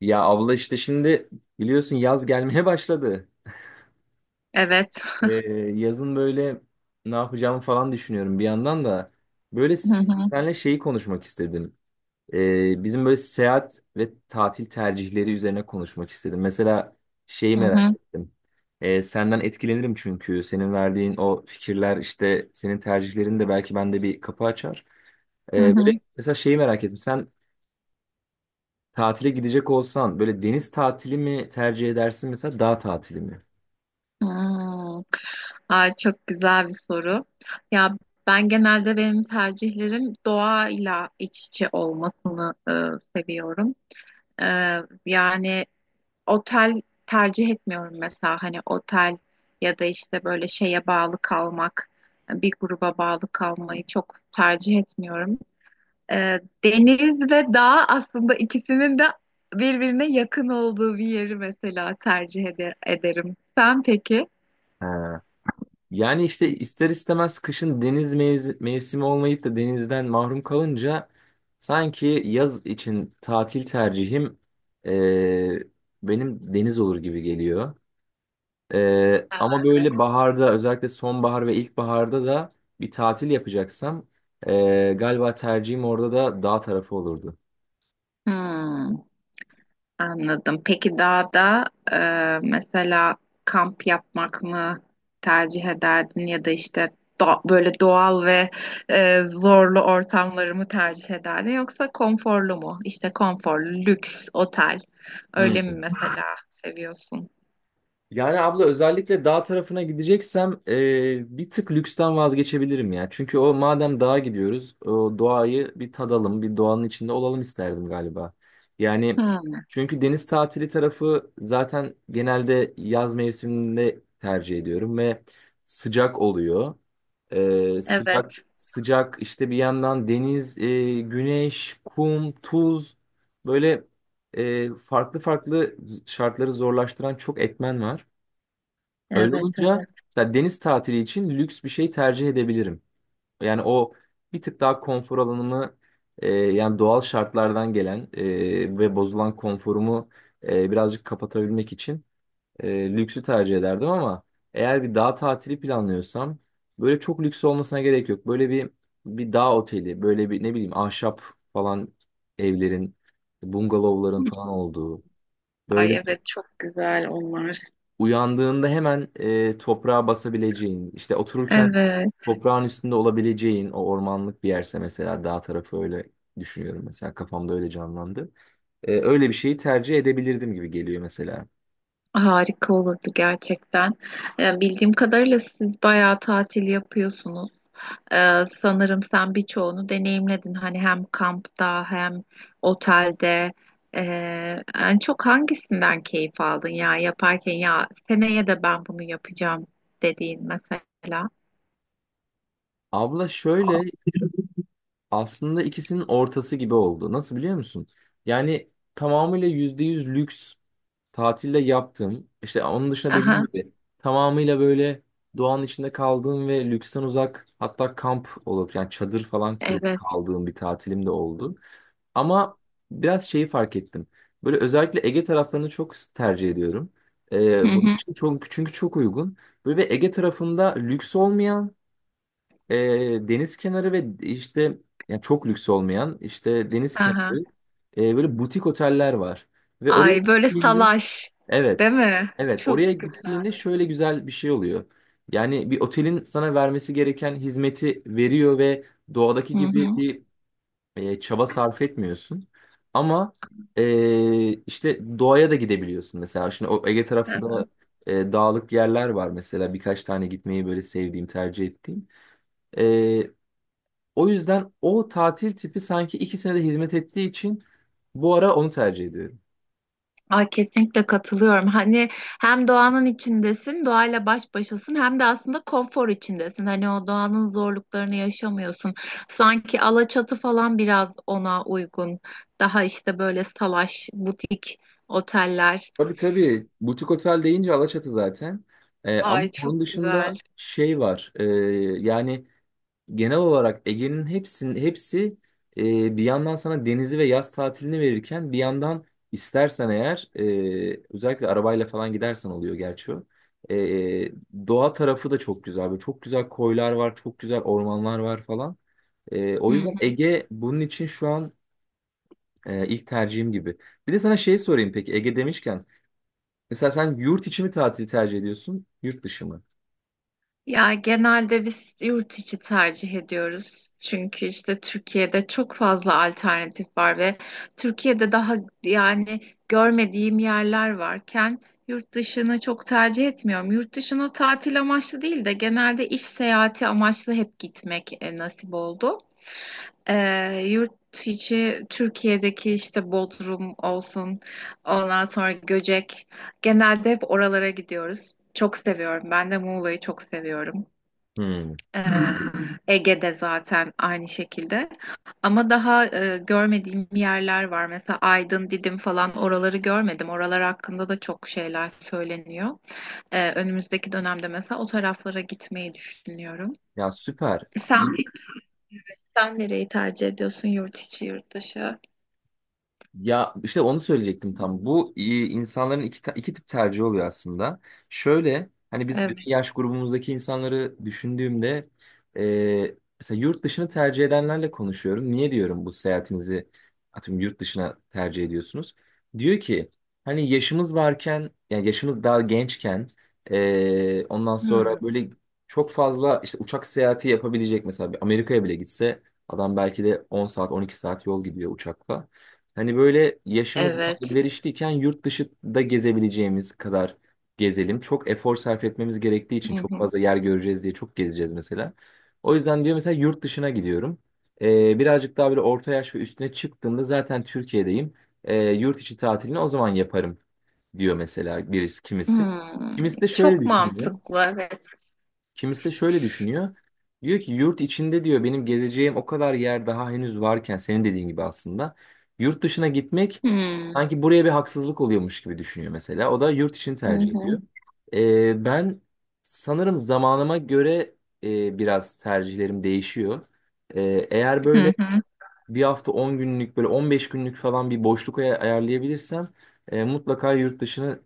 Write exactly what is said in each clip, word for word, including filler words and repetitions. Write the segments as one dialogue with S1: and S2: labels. S1: Ya abla işte şimdi biliyorsun yaz gelmeye başladı.
S2: Evet.
S1: Ee, yazın böyle ne yapacağımı falan düşünüyorum bir yandan da. Böyle
S2: Hı
S1: s-
S2: hı,
S1: seninle şeyi konuşmak istedim. Ee, bizim böyle seyahat ve tatil tercihleri üzerine konuşmak istedim. Mesela şeyi
S2: hı
S1: merak
S2: hı,
S1: ettim. Ee, senden etkilenirim çünkü senin verdiğin o fikirler işte senin tercihlerin de belki bende bir kapı açar.
S2: hı
S1: Ee, böyle
S2: hı.
S1: mesela şeyi merak ettim. Sen tatile gidecek olsan böyle deniz tatili mi tercih edersin, mesela dağ tatili mi?
S2: Hmm. Ay, çok güzel bir soru. Ya ben genelde benim tercihlerim doğayla iç içe olmasını e, seviyorum. E, Yani otel tercih etmiyorum mesela hani otel ya da işte böyle şeye bağlı kalmak, bir gruba bağlı kalmayı çok tercih etmiyorum. Ee, deniz ve dağ aslında ikisinin de birbirine yakın olduğu bir yeri mesela tercih eder- ederim. Sen peki?
S1: Ha. Yani işte ister istemez kışın deniz mevzi- mevsimi olmayıp da denizden mahrum kalınca sanki yaz için tatil tercihim e, benim deniz olur gibi geliyor. E, ama
S2: Evet.
S1: böyle baharda, özellikle sonbahar ve ilkbaharda da bir tatil yapacaksam e, galiba tercihim orada da dağ tarafı olurdu.
S2: Hmm, anladım. Peki dağda, e, mesela kamp yapmak mı tercih ederdin ya da işte do- böyle doğal ve e, zorlu ortamları mı tercih ederdin yoksa konforlu mu? İşte konforlu, lüks, otel öyle mi mesela seviyorsun?
S1: Yani abla özellikle dağ tarafına gideceksem e, bir tık lüksten vazgeçebilirim ya. Çünkü o madem dağa gidiyoruz, o doğayı bir tadalım, bir doğanın içinde olalım isterdim galiba. Yani
S2: Hmm.
S1: çünkü deniz tatili tarafı zaten genelde yaz mevsiminde tercih ediyorum ve sıcak oluyor. E, sıcak sıcak işte bir yandan deniz, e, güneş, kum, tuz, böyle e, farklı farklı şartları zorlaştıran çok etmen var. Öyle
S2: Evet,
S1: olunca
S2: evet.
S1: mesela deniz tatili için lüks bir şey tercih edebilirim. Yani o bir tık daha konfor alanımı, e, yani doğal şartlardan gelen e, ve bozulan konforumu e, birazcık kapatabilmek için e, lüksü tercih ederdim, ama eğer bir dağ tatili planlıyorsam böyle çok lüks olmasına gerek yok. Böyle bir bir dağ oteli, böyle bir ne bileyim ahşap falan evlerin, bungalovların falan olduğu, böyle
S2: Ay evet, çok güzel onlar.
S1: uyandığında hemen e, toprağa basabileceğin, işte otururken
S2: Evet.
S1: toprağın üstünde olabileceğin o ormanlık bir yerse mesela dağ tarafı, öyle düşünüyorum, mesela kafamda öyle canlandı. E, öyle bir şeyi tercih edebilirdim gibi geliyor mesela.
S2: Harika olurdu gerçekten. Ee, bildiğim kadarıyla siz bayağı tatil yapıyorsunuz. Ee, sanırım sen birçoğunu deneyimledin. Hani hem kampta hem otelde. Ee, en çok hangisinden keyif aldın, ya yaparken ya seneye de ben bunu yapacağım dediğin mesela.
S1: Abla şöyle, aslında ikisinin ortası gibi oldu. Nasıl biliyor musun? Yani tamamıyla yüzde yüz lüks tatilde yaptım. İşte onun dışında, dediğim
S2: Aha,
S1: gibi, tamamıyla böyle doğanın içinde kaldığım ve lüksten uzak, hatta kamp olup yani çadır falan kurup
S2: evet.
S1: kaldığım bir tatilim de oldu. Ama biraz şeyi fark ettim. Böyle özellikle Ege taraflarını çok tercih ediyorum.
S2: Hı
S1: Ee, bunun
S2: hı.
S1: için çok, çünkü çok uygun. Böyle bir Ege tarafında lüks olmayan, e, deniz kenarı ve işte yani çok lüks olmayan işte deniz
S2: Aha.
S1: kenarı, e, böyle butik oteller var. Ve oraya
S2: Ay böyle
S1: gittiğimde
S2: salaş,
S1: evet.
S2: değil mi?
S1: Evet, oraya
S2: Çok güzel.
S1: gittiğinde şöyle güzel bir şey oluyor. Yani bir otelin sana vermesi gereken hizmeti veriyor ve doğadaki
S2: Hı
S1: gibi
S2: hı.
S1: bir e, çaba sarf etmiyorsun. Ama e, işte doğaya da gidebiliyorsun mesela. Şimdi o Ege tarafı
S2: Evet.
S1: da e, dağlık yerler var mesela. Birkaç tane gitmeyi böyle sevdiğim, tercih ettiğim. E, o yüzden o tatil tipi sanki ikisine de hizmet ettiği için bu ara onu tercih ediyorum.
S2: Ay, kesinlikle katılıyorum. Hani hem doğanın içindesin, doğayla baş başasın hem de aslında konfor içindesin. Hani o doğanın zorluklarını yaşamıyorsun. Sanki Alaçatı falan biraz ona uygun. Daha işte böyle salaş, butik oteller.
S1: Tabii tabii. Butik otel deyince Alaçatı zaten. Ee, ama
S2: Ay çok
S1: onun
S2: güzel.
S1: dışında şey var. Ee, yani genel olarak Ege'nin hepsinin hepsi e, bir yandan sana denizi ve yaz tatilini verirken, bir yandan istersen eğer e, özellikle arabayla falan gidersen oluyor gerçi o. Ee, doğa tarafı da çok güzel. Böyle çok güzel koylar var, çok güzel ormanlar var falan. Ee,
S2: Hı
S1: o yüzden
S2: hı.
S1: Ege bunun için şu an e, ilk tercihim gibi. Bir de sana şey sorayım peki, Ege demişken. Mesela sen yurt içi mi tatili tercih ediyorsun, yurt dışı mı?
S2: Ya genelde biz yurt içi tercih ediyoruz. Çünkü işte Türkiye'de çok fazla alternatif var ve Türkiye'de daha yani görmediğim yerler varken yurt dışını çok tercih etmiyorum. Yurt dışına tatil amaçlı değil de genelde iş seyahati amaçlı hep gitmek e, nasip oldu. Ee, yurt içi Türkiye'deki işte Bodrum olsun, ondan sonra Göcek. Genelde hep oralara gidiyoruz. Çok seviyorum. Ben de Muğla'yı çok seviyorum.
S1: Hmm.
S2: Ee, Ege'de zaten aynı şekilde. Ama daha e, görmediğim yerler var. Mesela Aydın, Didim falan oraları görmedim. Oralar hakkında da çok şeyler söyleniyor. Ee, önümüzdeki dönemde mesela o taraflara gitmeyi düşünüyorum.
S1: Ya süper.
S2: Sen, sen nereyi tercih ediyorsun? Yurt içi, yurt dışı?
S1: Ya işte onu söyleyecektim tam. Bu e, insanların iki, ta- iki tip tercih oluyor aslında. Şöyle, hani biz
S2: Evet.
S1: bizim yaş grubumuzdaki insanları düşündüğümde e, mesela yurt dışını tercih edenlerle konuşuyorum. Niye, diyorum, bu seyahatinizi, atıyorum, yurt dışına tercih ediyorsunuz? Diyor ki hani yaşımız varken, yani yaşımız daha gençken, e, ondan
S2: Hmm.
S1: sonra böyle çok fazla işte uçak seyahati yapabilecek, mesela bir Amerika'ya bile gitse adam belki de on saat on iki saat yol gidiyor uçakla. Hani böyle yaşımız
S2: Evet.
S1: ileriştiyken yurt dışı da gezebileceğimiz kadar gezelim. Çok efor sarf etmemiz gerektiği için
S2: Hı
S1: çok
S2: hı.
S1: fazla yer göreceğiz diye çok gezeceğiz mesela. O yüzden, diyor, mesela yurt dışına gidiyorum. Ee, birazcık daha böyle orta yaş ve üstüne çıktığımda zaten Türkiye'deyim. Ee, yurt içi tatilini o zaman yaparım, diyor mesela birisi, kimisi.
S2: Hmm.
S1: Kimisi de şöyle
S2: Çok
S1: düşünüyor.
S2: mantıklı. Evet.
S1: Kimisi de şöyle düşünüyor. Diyor ki yurt içinde, diyor, benim gezeceğim o kadar yer daha henüz varken, senin dediğin gibi aslında yurt dışına gitmek
S2: Hmm.
S1: sanki buraya bir haksızlık oluyormuş gibi düşünüyor mesela. O da yurt için
S2: Hı
S1: tercih ediyor.
S2: hı.
S1: Ee, ben sanırım zamanıma göre e, biraz tercihlerim değişiyor. Ee, eğer böyle
S2: Hı hı.
S1: bir hafta on günlük, böyle on beş günlük falan bir boşluk ay- ayarlayabilirsem e, mutlaka yurt dışına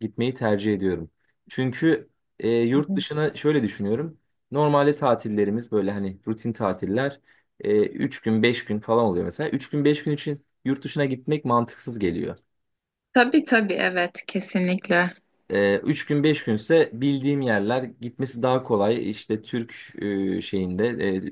S1: gitmeyi tercih ediyorum. Çünkü e, yurt dışına şöyle düşünüyorum. Normalde tatillerimiz böyle hani rutin tatiller, e, üç gün beş gün falan oluyor mesela. Üç gün beş gün için yurt dışına gitmek mantıksız geliyor.
S2: Tabii, tabii, evet, kesinlikle.
S1: Ee, üç gün beş günse bildiğim yerler gitmesi daha kolay. İşte Türk, e, şeyinde,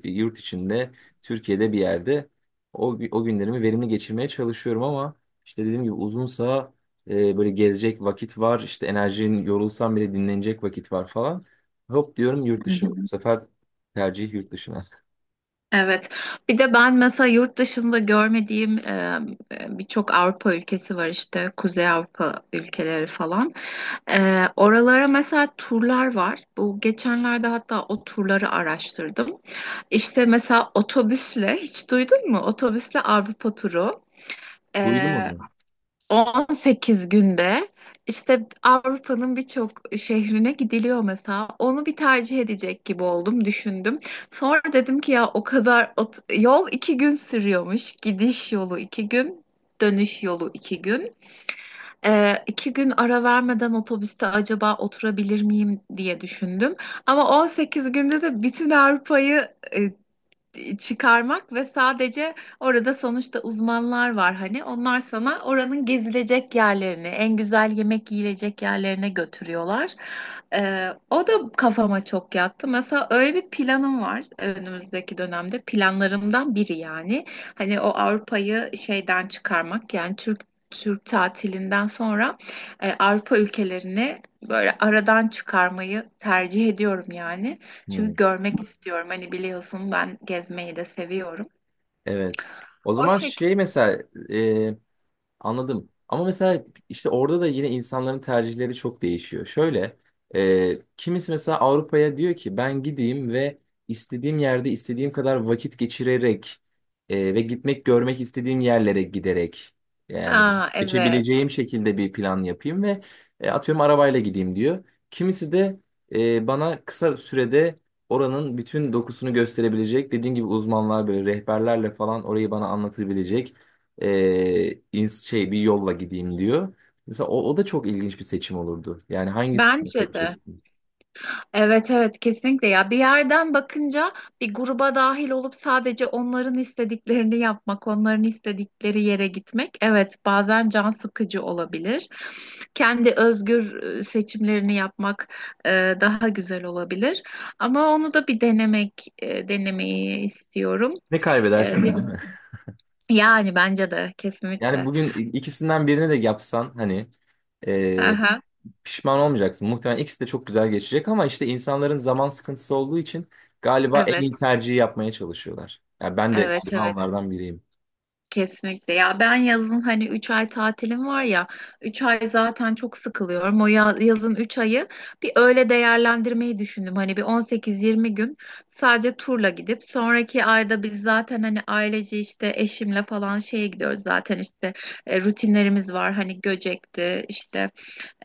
S1: e, yurt içinde, Türkiye'de bir yerde o, gü- o günlerimi verimli geçirmeye çalışıyorum, ama işte dediğim gibi uzunsa e, böyle gezecek vakit var, işte enerjin, yorulsam bile dinlenecek vakit var falan. Hop diyorum, yurt
S2: Hı
S1: dışı. Bu
S2: hı.
S1: sefer tercih yurt dışına.
S2: Evet. Bir de ben mesela yurt dışında görmediğim e, e, birçok Avrupa ülkesi var, işte Kuzey Avrupa ülkeleri falan. E, oralara mesela turlar var. Bu geçenlerde hatta o turları araştırdım. İşte mesela otobüsle hiç duydun mu? Otobüsle Avrupa turu.
S1: Duydum
S2: Ee,
S1: onu.
S2: on sekiz günde işte Avrupa'nın birçok şehrine gidiliyor mesela. Onu bir tercih edecek gibi oldum, düşündüm. Sonra dedim ki ya o kadar ot- yol iki gün sürüyormuş. Gidiş yolu iki gün, dönüş yolu iki gün. Ee, iki gün ara vermeden otobüste acaba oturabilir miyim diye düşündüm. Ama on sekiz günde de bütün Avrupa'yı e, çıkarmak ve sadece orada sonuçta uzmanlar var, hani onlar sana oranın gezilecek yerlerini, en güzel yemek yiyilecek yerlerine götürüyorlar. Ee, o da kafama çok yattı. Mesela öyle bir planım var, önümüzdeki dönemde planlarımdan biri yani. Hani o Avrupa'yı şeyden çıkarmak, yani Türk Türk tatilinden sonra e, Avrupa ülkelerini böyle aradan çıkarmayı tercih ediyorum yani. Çünkü
S1: Hı.
S2: görmek istiyorum. Hani biliyorsun, ben gezmeyi de seviyorum.
S1: Evet. O
S2: O
S1: zaman
S2: şekilde.
S1: şey mesela. Anladım. Ama mesela işte orada da yine insanların tercihleri çok değişiyor. Şöyle, e, kimisi mesela Avrupa'ya diyor ki ben gideyim ve istediğim yerde istediğim kadar vakit geçirerek, e, ve gitmek, görmek istediğim yerlere giderek, yani
S2: Ha,
S1: geçebileceğim
S2: evet.
S1: şekilde bir plan yapayım ve e, atıyorum arabayla gideyim, diyor. Kimisi de e, bana kısa sürede oranın bütün dokusunu gösterebilecek, dediğim gibi uzmanlar böyle rehberlerle falan orayı bana anlatabilecek e, ins- şey bir yolla gideyim, diyor. Mesela o, o da çok ilginç bir seçim olurdu. Yani hangisini
S2: Bence de.
S1: seçeceksin?
S2: Evet, evet, kesinlikle. Ya bir yerden bakınca bir gruba dahil olup sadece onların istediklerini yapmak, onların istedikleri yere gitmek, evet, bazen can sıkıcı olabilir. Kendi özgür e, seçimlerini yapmak e, daha güzel olabilir. Ama onu da bir denemek e, denemeyi istiyorum.
S1: Ne
S2: E,
S1: kaybedersin ki, değil mi?
S2: Yani bence de
S1: Yani
S2: kesinlikle.
S1: bugün i- ikisinden birini de yapsan hani e,
S2: Aha,
S1: pişman olmayacaksın. Muhtemelen ikisi de çok güzel geçecek, ama işte insanların zaman sıkıntısı olduğu için galiba en
S2: evet,
S1: iyi tercihi yapmaya çalışıyorlar. Yani ben de
S2: evet,
S1: galiba
S2: evet.
S1: onlardan biriyim.
S2: Kesinlikle. Ya ben yazın hani üç ay tatilim var ya, üç ay zaten çok sıkılıyorum. O ya- yazın üç ayı bir öyle değerlendirmeyi düşündüm. Hani bir on sekiz yirmi gün sadece turla gidip sonraki ayda biz zaten hani ailece işte eşimle falan şeye gidiyoruz zaten, işte e, rutinlerimiz var. Hani Göcek'ti işte,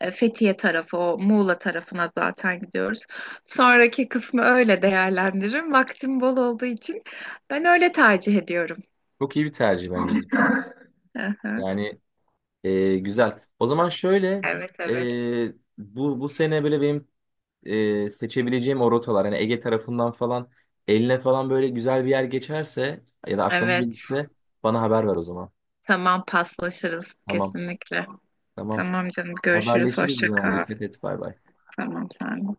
S2: E, Fethiye tarafı, o Muğla tarafına zaten gidiyoruz. Sonraki kısmı öyle değerlendiririm. Vaktim bol olduğu için ben öyle tercih ediyorum.
S1: Çok iyi bir tercih bence.
S2: Aha.
S1: Yani e, güzel. O zaman şöyle,
S2: Evet, evet.
S1: e, bu bu sene böyle benim e, seçebileceğim o rotalar, hani Ege tarafından falan eline falan böyle güzel bir yer geçerse ya da aklına
S2: Evet,
S1: gelirse bana haber ver o zaman.
S2: tamam, paslaşırız
S1: Tamam.
S2: kesinlikle.
S1: Tamam.
S2: Tamam canım, görüşürüz.
S1: Haberleşiriz o
S2: Hoşça
S1: zaman.
S2: kal.
S1: Dikkat et. Bay bay.
S2: Tamam, sen de.